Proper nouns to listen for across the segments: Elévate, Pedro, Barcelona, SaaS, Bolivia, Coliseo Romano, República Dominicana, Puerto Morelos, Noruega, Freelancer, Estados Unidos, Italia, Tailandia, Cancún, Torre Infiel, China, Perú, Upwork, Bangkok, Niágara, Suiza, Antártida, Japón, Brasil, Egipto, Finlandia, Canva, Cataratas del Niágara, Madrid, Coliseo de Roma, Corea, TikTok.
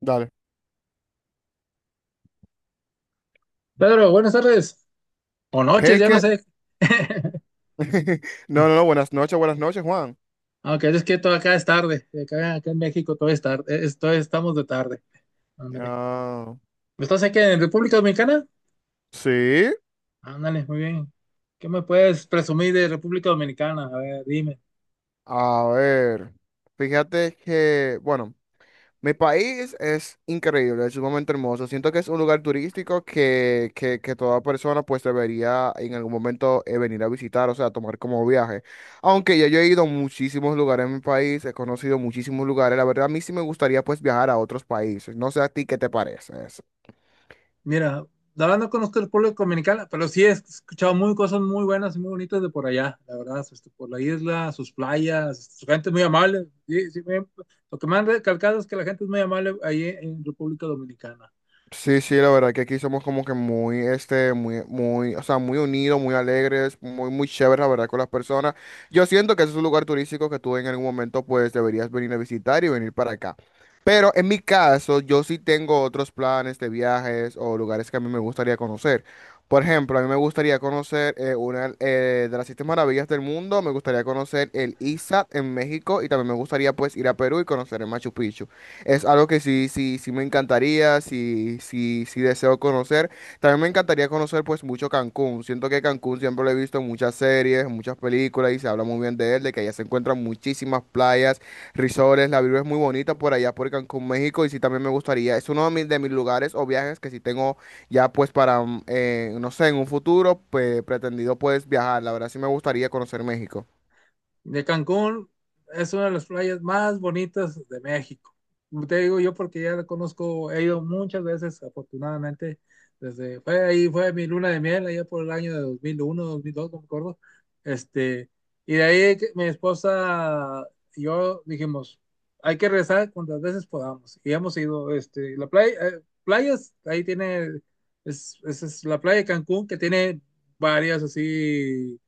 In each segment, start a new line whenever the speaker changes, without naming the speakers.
Dale.
Pedro, buenas tardes. O noches,
Hey,
ya no sé.
No, no, no, buenas noches, Juan.
Aunque es que todo acá es tarde. Acá en México todo es tarde. Todo estamos de tarde. Ándale.
Ah,
¿Estás aquí en República Dominicana?
sí,
Ándale, muy bien. ¿Qué me puedes presumir de República Dominicana? A ver, dime.
a ver. Fíjate que, bueno, mi país es increíble, es sumamente hermoso. Siento que es un lugar turístico que toda persona pues debería en algún momento venir a visitar, o sea, tomar como viaje. Aunque ya yo he ido a muchísimos lugares en mi país, he conocido muchísimos lugares. La verdad, a mí sí me gustaría pues viajar a otros países. No sé a ti qué te parece eso.
Mira, la verdad no conozco el pueblo dominicano, pero sí he escuchado muy cosas muy buenas y muy bonitas de por allá. La verdad, este, por la isla, sus playas, su gente muy amable. Sí, sí, lo que me han recalcado es que la gente es muy amable ahí en República Dominicana.
Sí, sí, la verdad que aquí somos como que muy, este, muy, muy, o sea, muy unidos, muy alegres, muy, muy chéveres, la verdad, con las personas. Yo siento que ese es un lugar turístico que tú en algún momento, pues, deberías venir a visitar y venir para acá. Pero en mi caso, yo sí tengo otros planes de viajes o lugares que a mí me gustaría conocer. Por ejemplo, a mí me gustaría conocer una de las siete maravillas del mundo, me gustaría conocer el ISAT en México y también me gustaría, pues, ir a Perú y conocer el Machu Picchu. Es algo que sí, sí, sí me encantaría, sí, sí, sí deseo conocer. También me encantaría conocer pues mucho Cancún. Siento que Cancún siempre lo he visto en muchas series, en muchas películas y se habla muy bien de él, de que allá se encuentran muchísimas playas, resorts, la vibra es muy bonita por allá por Cancún, México y sí también me gustaría. Es uno de de mis lugares o viajes que sí tengo ya pues para, no sé, en un futuro pues, pretendido pues viajar. La verdad sí me gustaría conocer México.
De Cancún es una de las playas más bonitas de México. Te digo yo porque ya la conozco, he ido muchas veces, afortunadamente, desde, fue ahí, fue mi luna de miel, allá por el año de 2001, 2002, no me acuerdo. Este, y de ahí que mi esposa y yo dijimos, hay que regresar cuantas veces podamos. Y hemos ido, este, la playa, playas, ahí tiene, es, esa es la playa de Cancún que tiene varias así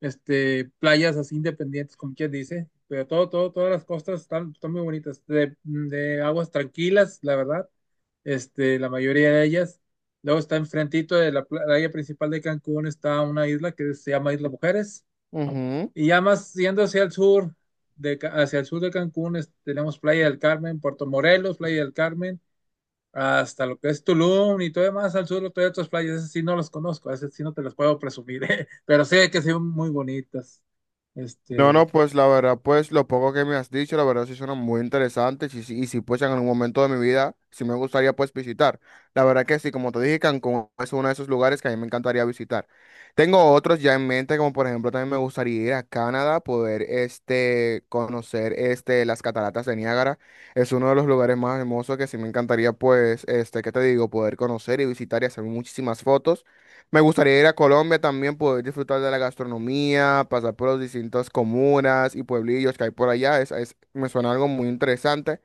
este, playas así independientes, como quien dice, pero todo, todas las costas están, están muy bonitas, de aguas tranquilas, la verdad, este, la mayoría de ellas. Luego está enfrentito de la playa principal de Cancún, está una isla que se llama Isla Mujeres,
Ujú.
y ya más yendo hacia el sur, de, hacia el sur de Cancún, tenemos Playa del Carmen, Playa del Carmen, hasta lo que es Tulum y todo demás al sur, todavía otras playas, esas sí no las conozco, esas sí no te las puedo presumir, ¿eh? Pero sé que son muy bonitas.
No,
Este,
no, pues la verdad, pues lo poco que me has dicho, la verdad sí suena muy interesante y sí, y si pues en algún momento de mi vida sí me gustaría pues visitar. La verdad que sí, como te dije, Cancún es uno de esos lugares que a mí me encantaría visitar. Tengo otros ya en mente, como por ejemplo también me gustaría ir a Canadá, poder este, conocer este, las cataratas de Niágara. Es uno de los lugares más hermosos que sí me encantaría pues, este, ¿qué te digo? Poder conocer y visitar y hacer muchísimas fotos. Me gustaría ir a Colombia también, poder disfrutar de la gastronomía, pasar por las distintas comunas y pueblillos que hay por allá. Me suena algo muy interesante.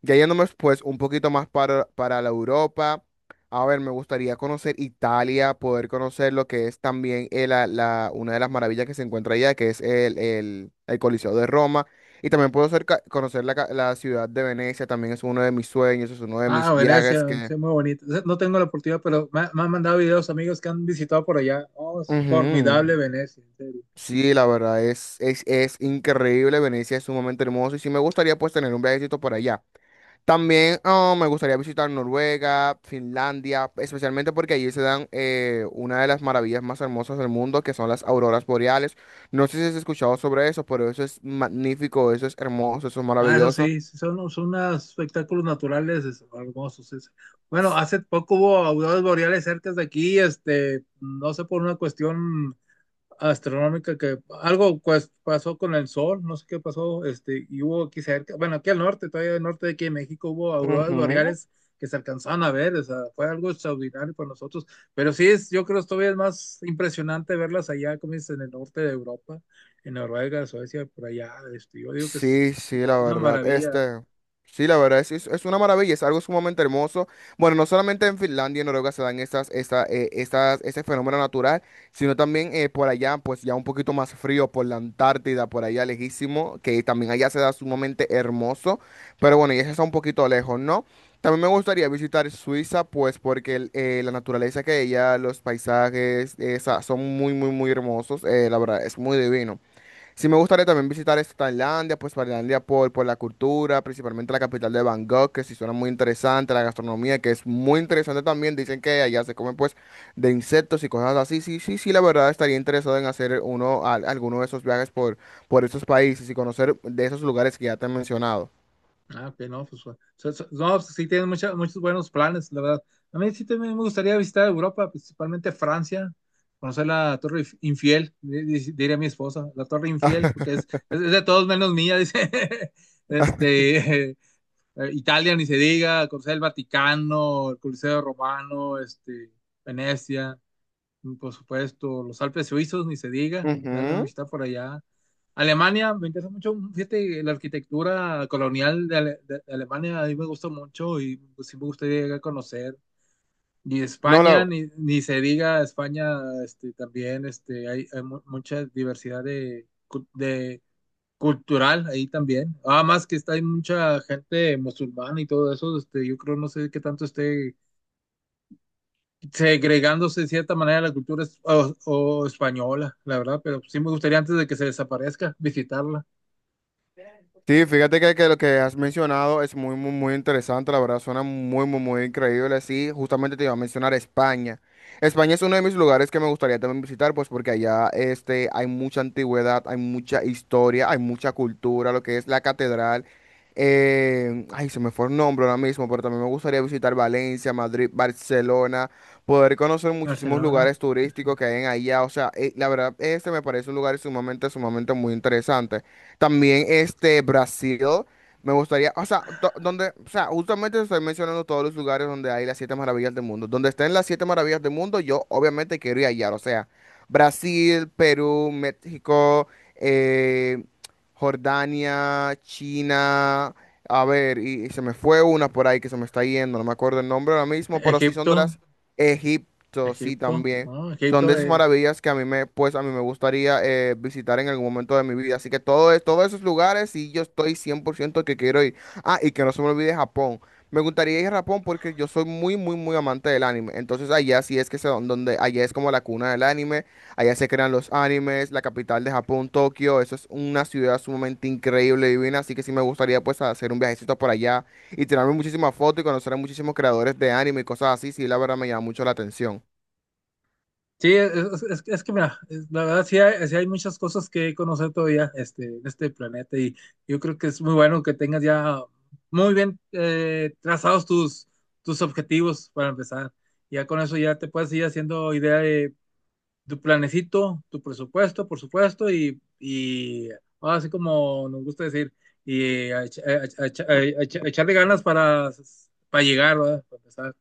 Ya yéndonos pues un poquito más para, la Europa. A ver, me gustaría conocer Italia, poder conocer lo que es también una de las maravillas que se encuentra allá, que es el Coliseo de Roma. Y también puedo ser conocer la ciudad de Venecia, también es uno de mis sueños, es uno de mis
ah,
viajes
Venecia,
que...
sí, muy bonitas. No tengo la oportunidad, pero me han mandado videos amigos que han visitado por allá. Oh, es
Ujú.
formidable Venecia, en serio.
Sí, la verdad es increíble, Venecia es sumamente hermoso y sí me gustaría pues tener un viajecito por allá. También ah, me gustaría visitar Noruega, Finlandia, especialmente porque allí se dan una de las maravillas más hermosas del mundo, que son las auroras boreales. No sé si has escuchado sobre eso, pero eso es magnífico, eso es hermoso, eso es
Ah, eso
maravilloso.
sí, sí, son, son unos espectáculos naturales hermosos. Bueno, hace poco hubo auroras boreales cerca de aquí, este, no sé por una cuestión astronómica que algo pues, pasó con el sol, no sé qué pasó, este, y hubo aquí cerca, bueno, aquí al norte, todavía al norte de aquí en México hubo auroras boreales que se alcanzaban a ver, o sea, fue algo extraordinario para nosotros, pero sí es, yo creo que todavía es más impresionante verlas allá, como dices, en el norte de Europa, en Noruega, Suecia, por allá, este, yo digo que es
Sí, sí, la
una
verdad.
maravilla.
Este, sí, la verdad, es una maravilla, es algo sumamente hermoso. Bueno, no solamente en Finlandia y Noruega se dan ese fenómeno natural, sino también por allá, pues ya un poquito más frío, por la Antártida, por allá lejísimo, que también allá se da sumamente hermoso. Pero bueno, y eso está un poquito lejos, ¿no? También me gustaría visitar Suiza, pues porque la naturaleza que hay allá, los paisajes, esa, son muy, muy, muy hermosos. La verdad, es muy divino. Sí, me gustaría también visitar esta Tailandia, pues Tailandia por la cultura, principalmente la capital de Bangkok, que sí suena muy interesante, la gastronomía, que es muy interesante también, dicen que allá se comen pues de insectos y cosas así, sí, sí, sí, la verdad estaría interesado en hacer uno, alguno de esos viajes por esos países y conocer de esos lugares que ya te he mencionado.
Ah, ok, no, pues, no, pues, sí tienen muchos buenos planes, la verdad. A mí sí también me gustaría visitar Europa, principalmente Francia, conocer la Infiel, diría mi esposa, la Torre Infiel, porque es, es de todos menos mía, dice. Este, Italia, ni se diga, conocer el Vaticano, el Coliseo Romano, este, Venecia. Mm, por supuesto, los Alpes suizos, ni se diga, darle una
Ujú.
visita por allá. Alemania, me interesa mucho, mm, fíjate, la arquitectura colonial de, de Alemania a mí me gusta mucho y pues, sí me gustaría llegar a conocer. Y
No,
España,
la,
ni se diga, España este, también este, hay mucha diversidad de, de cultural ahí también. Además que está, hay mucha gente musulmana y todo eso, este, yo creo, no sé qué tanto esté segregándose de cierta manera la cultura o española, la verdad, pero sí me gustaría antes de que se desaparezca visitarla.
Sí, fíjate que lo que has mencionado es muy, muy, muy interesante, la verdad, suena muy, muy, muy increíble. Sí, justamente te iba a mencionar España. España es uno de mis lugares que me gustaría también visitar, pues porque allá este, hay mucha antigüedad, hay mucha historia, hay mucha cultura, lo que es la catedral. Ay, se me fue el nombre ahora mismo, pero también me gustaría visitar Valencia, Madrid, Barcelona, poder conocer muchísimos
Barcelona,
lugares turísticos que hay en allá. O sea, la verdad, este me parece un lugar sumamente, sumamente muy interesante. También este Brasil, me gustaría, o sea, donde, o sea, justamente estoy mencionando todos los lugares donde hay las siete maravillas del mundo. Donde estén las siete maravillas del mundo, yo obviamente quiero ir allá. O sea, Brasil, Perú, México, eh, Jordania, China. A ver, y se me fue una por ahí que se me está yendo, no me acuerdo el nombre ahora mismo, pero sí son
Egipto,
de las Egipto, sí
Egipto,
también.
¿no?
Son de
Egipto,
esas maravillas que pues a mí me gustaría visitar en algún momento de mi vida. Así que todo, todos esos lugares y yo estoy 100% que quiero ir. Ah, y que no se me olvide Japón. Me gustaría ir a Japón porque yo soy muy, muy, muy amante del anime. Entonces allá sí es que allá es como la cuna del anime. Allá se crean los animes, la capital de Japón, Tokio. Eso es una ciudad sumamente increíble, divina. Así que sí me gustaría pues hacer un viajecito por allá y tirarme muchísimas fotos y conocer a muchísimos creadores de anime y cosas así. Sí, la verdad me llama mucho la atención.
sí, es, es que mira, la verdad sí hay muchas cosas que conocer todavía este, en este planeta y yo creo que es muy bueno que tengas ya muy bien trazados tus, tus objetivos para empezar. Ya con eso ya te puedes ir haciendo idea de tu planecito, tu presupuesto, por supuesto, y ahora sí como nos gusta decir, y a, a echarle ganas para llegar, ¿verdad? Para empezar,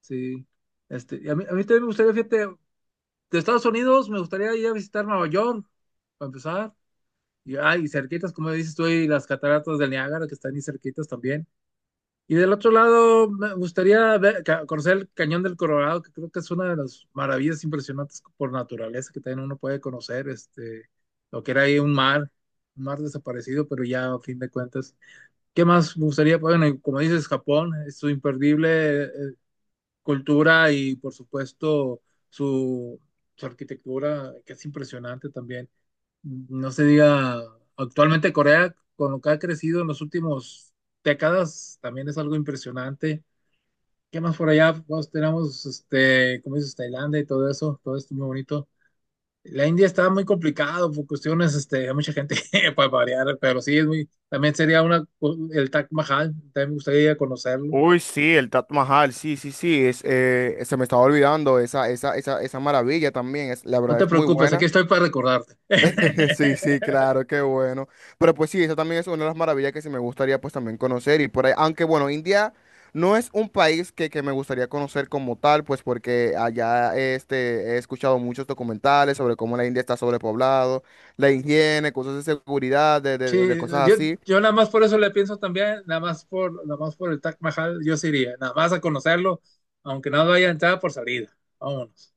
sí. Este, y a mí también me gustaría, fíjate, de Estados Unidos me gustaría ir a visitar Nueva York, para empezar, y, ah, cerquitas, como dices tú, y las cataratas del Niágara, que están ahí cerquitas también. Y del otro lado, me gustaría conocer el Cañón del Colorado, que creo que es una de las maravillas impresionantes por naturaleza que también uno puede conocer, este, lo que era ahí un mar desaparecido, pero ya a fin de cuentas. ¿Qué más me gustaría? Bueno, y como dices, Japón, es su imperdible cultura y por supuesto su, su arquitectura, que es impresionante también. No se diga, actualmente Corea, con lo que ha crecido en los últimos décadas, también es algo impresionante. ¿Qué más por allá? Pues tenemos, este, como dices, Tailandia y todo eso, todo esto muy bonito. La India está muy complicado por cuestiones, este, hay mucha gente para variar, pero sí, es muy, también sería una, el Taj Mahal, también me gustaría conocerlo.
Uy, sí, el Taj Mahal, sí, sí, sí, se me estaba olvidando esa maravilla también, la
No
verdad
te
es muy
preocupes,
buena.
aquí estoy para recordarte.
Sí, sí, claro, qué bueno. Pero pues sí, esa también es una de las maravillas que sí me gustaría pues también conocer y por ahí, aunque bueno, India no es un país que me gustaría conocer como tal, pues porque allá este, he escuchado muchos documentales sobre cómo la India está sobrepoblado, la higiene, cosas de seguridad, de
Sí,
cosas
yo,
así.
yo nada más por eso le pienso también, nada más por, nada más por el Taj Mahal, yo sí iría, nada más a conocerlo, aunque no haya entrada por salida. Vámonos.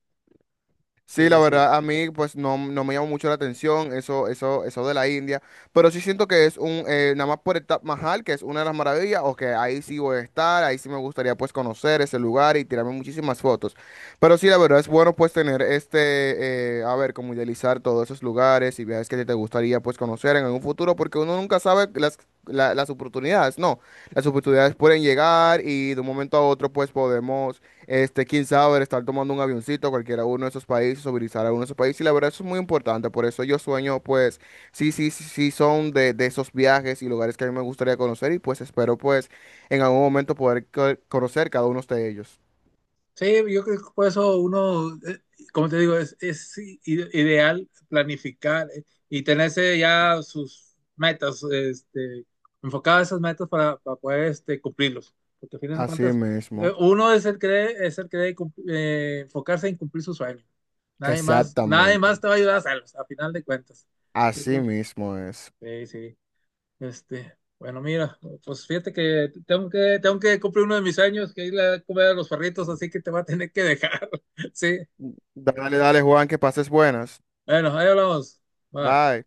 Sí,
Sí,
la
así es.
verdad, a mí pues no, no me llamó mucho la atención eso de la India, pero sí siento que es nada más por el Taj Mahal, que es una de las maravillas, o que ahí sí voy a estar, ahí sí me gustaría pues conocer ese lugar y tirarme muchísimas fotos. Pero sí, la verdad es bueno pues tener este, a ver, como idealizar todos esos lugares y viajes que te gustaría pues conocer en algún futuro, porque uno nunca sabe las, las oportunidades, no, las oportunidades pueden llegar y de un momento a otro pues podemos este, quién sabe, estar tomando un avioncito a cualquiera uno de esos países o visitar a uno de esos países. Y la verdad, eso es muy importante. Por eso yo sueño, pues, sí, sí, sí, sí son de esos viajes y lugares que a mí me gustaría conocer. Y pues espero, pues, en algún momento poder conocer cada uno de ellos.
Sí, yo creo que por eso uno, como te digo, es, ideal planificar y tenerse ya sus metas, este, enfocadas esas metas para poder este, cumplirlos. Porque al final de
Así
cuentas,
mismo.
uno es el que debe, es el que debe enfocarse en cumplir sus sueños. Nadie más, nadie
Exactamente.
más te va a ayudar a hacerlos, a final de cuentas. Yo
Así
creo.
mismo es.
Sí, sí. Este, bueno, mira, pues fíjate que tengo que cumplir uno de mis años, que ir a comer a los perritos, así que te va a tener que dejar. Sí,
Dale, dale, Juan, que pases buenas.
bueno, ahí hablamos. Va.
Bye.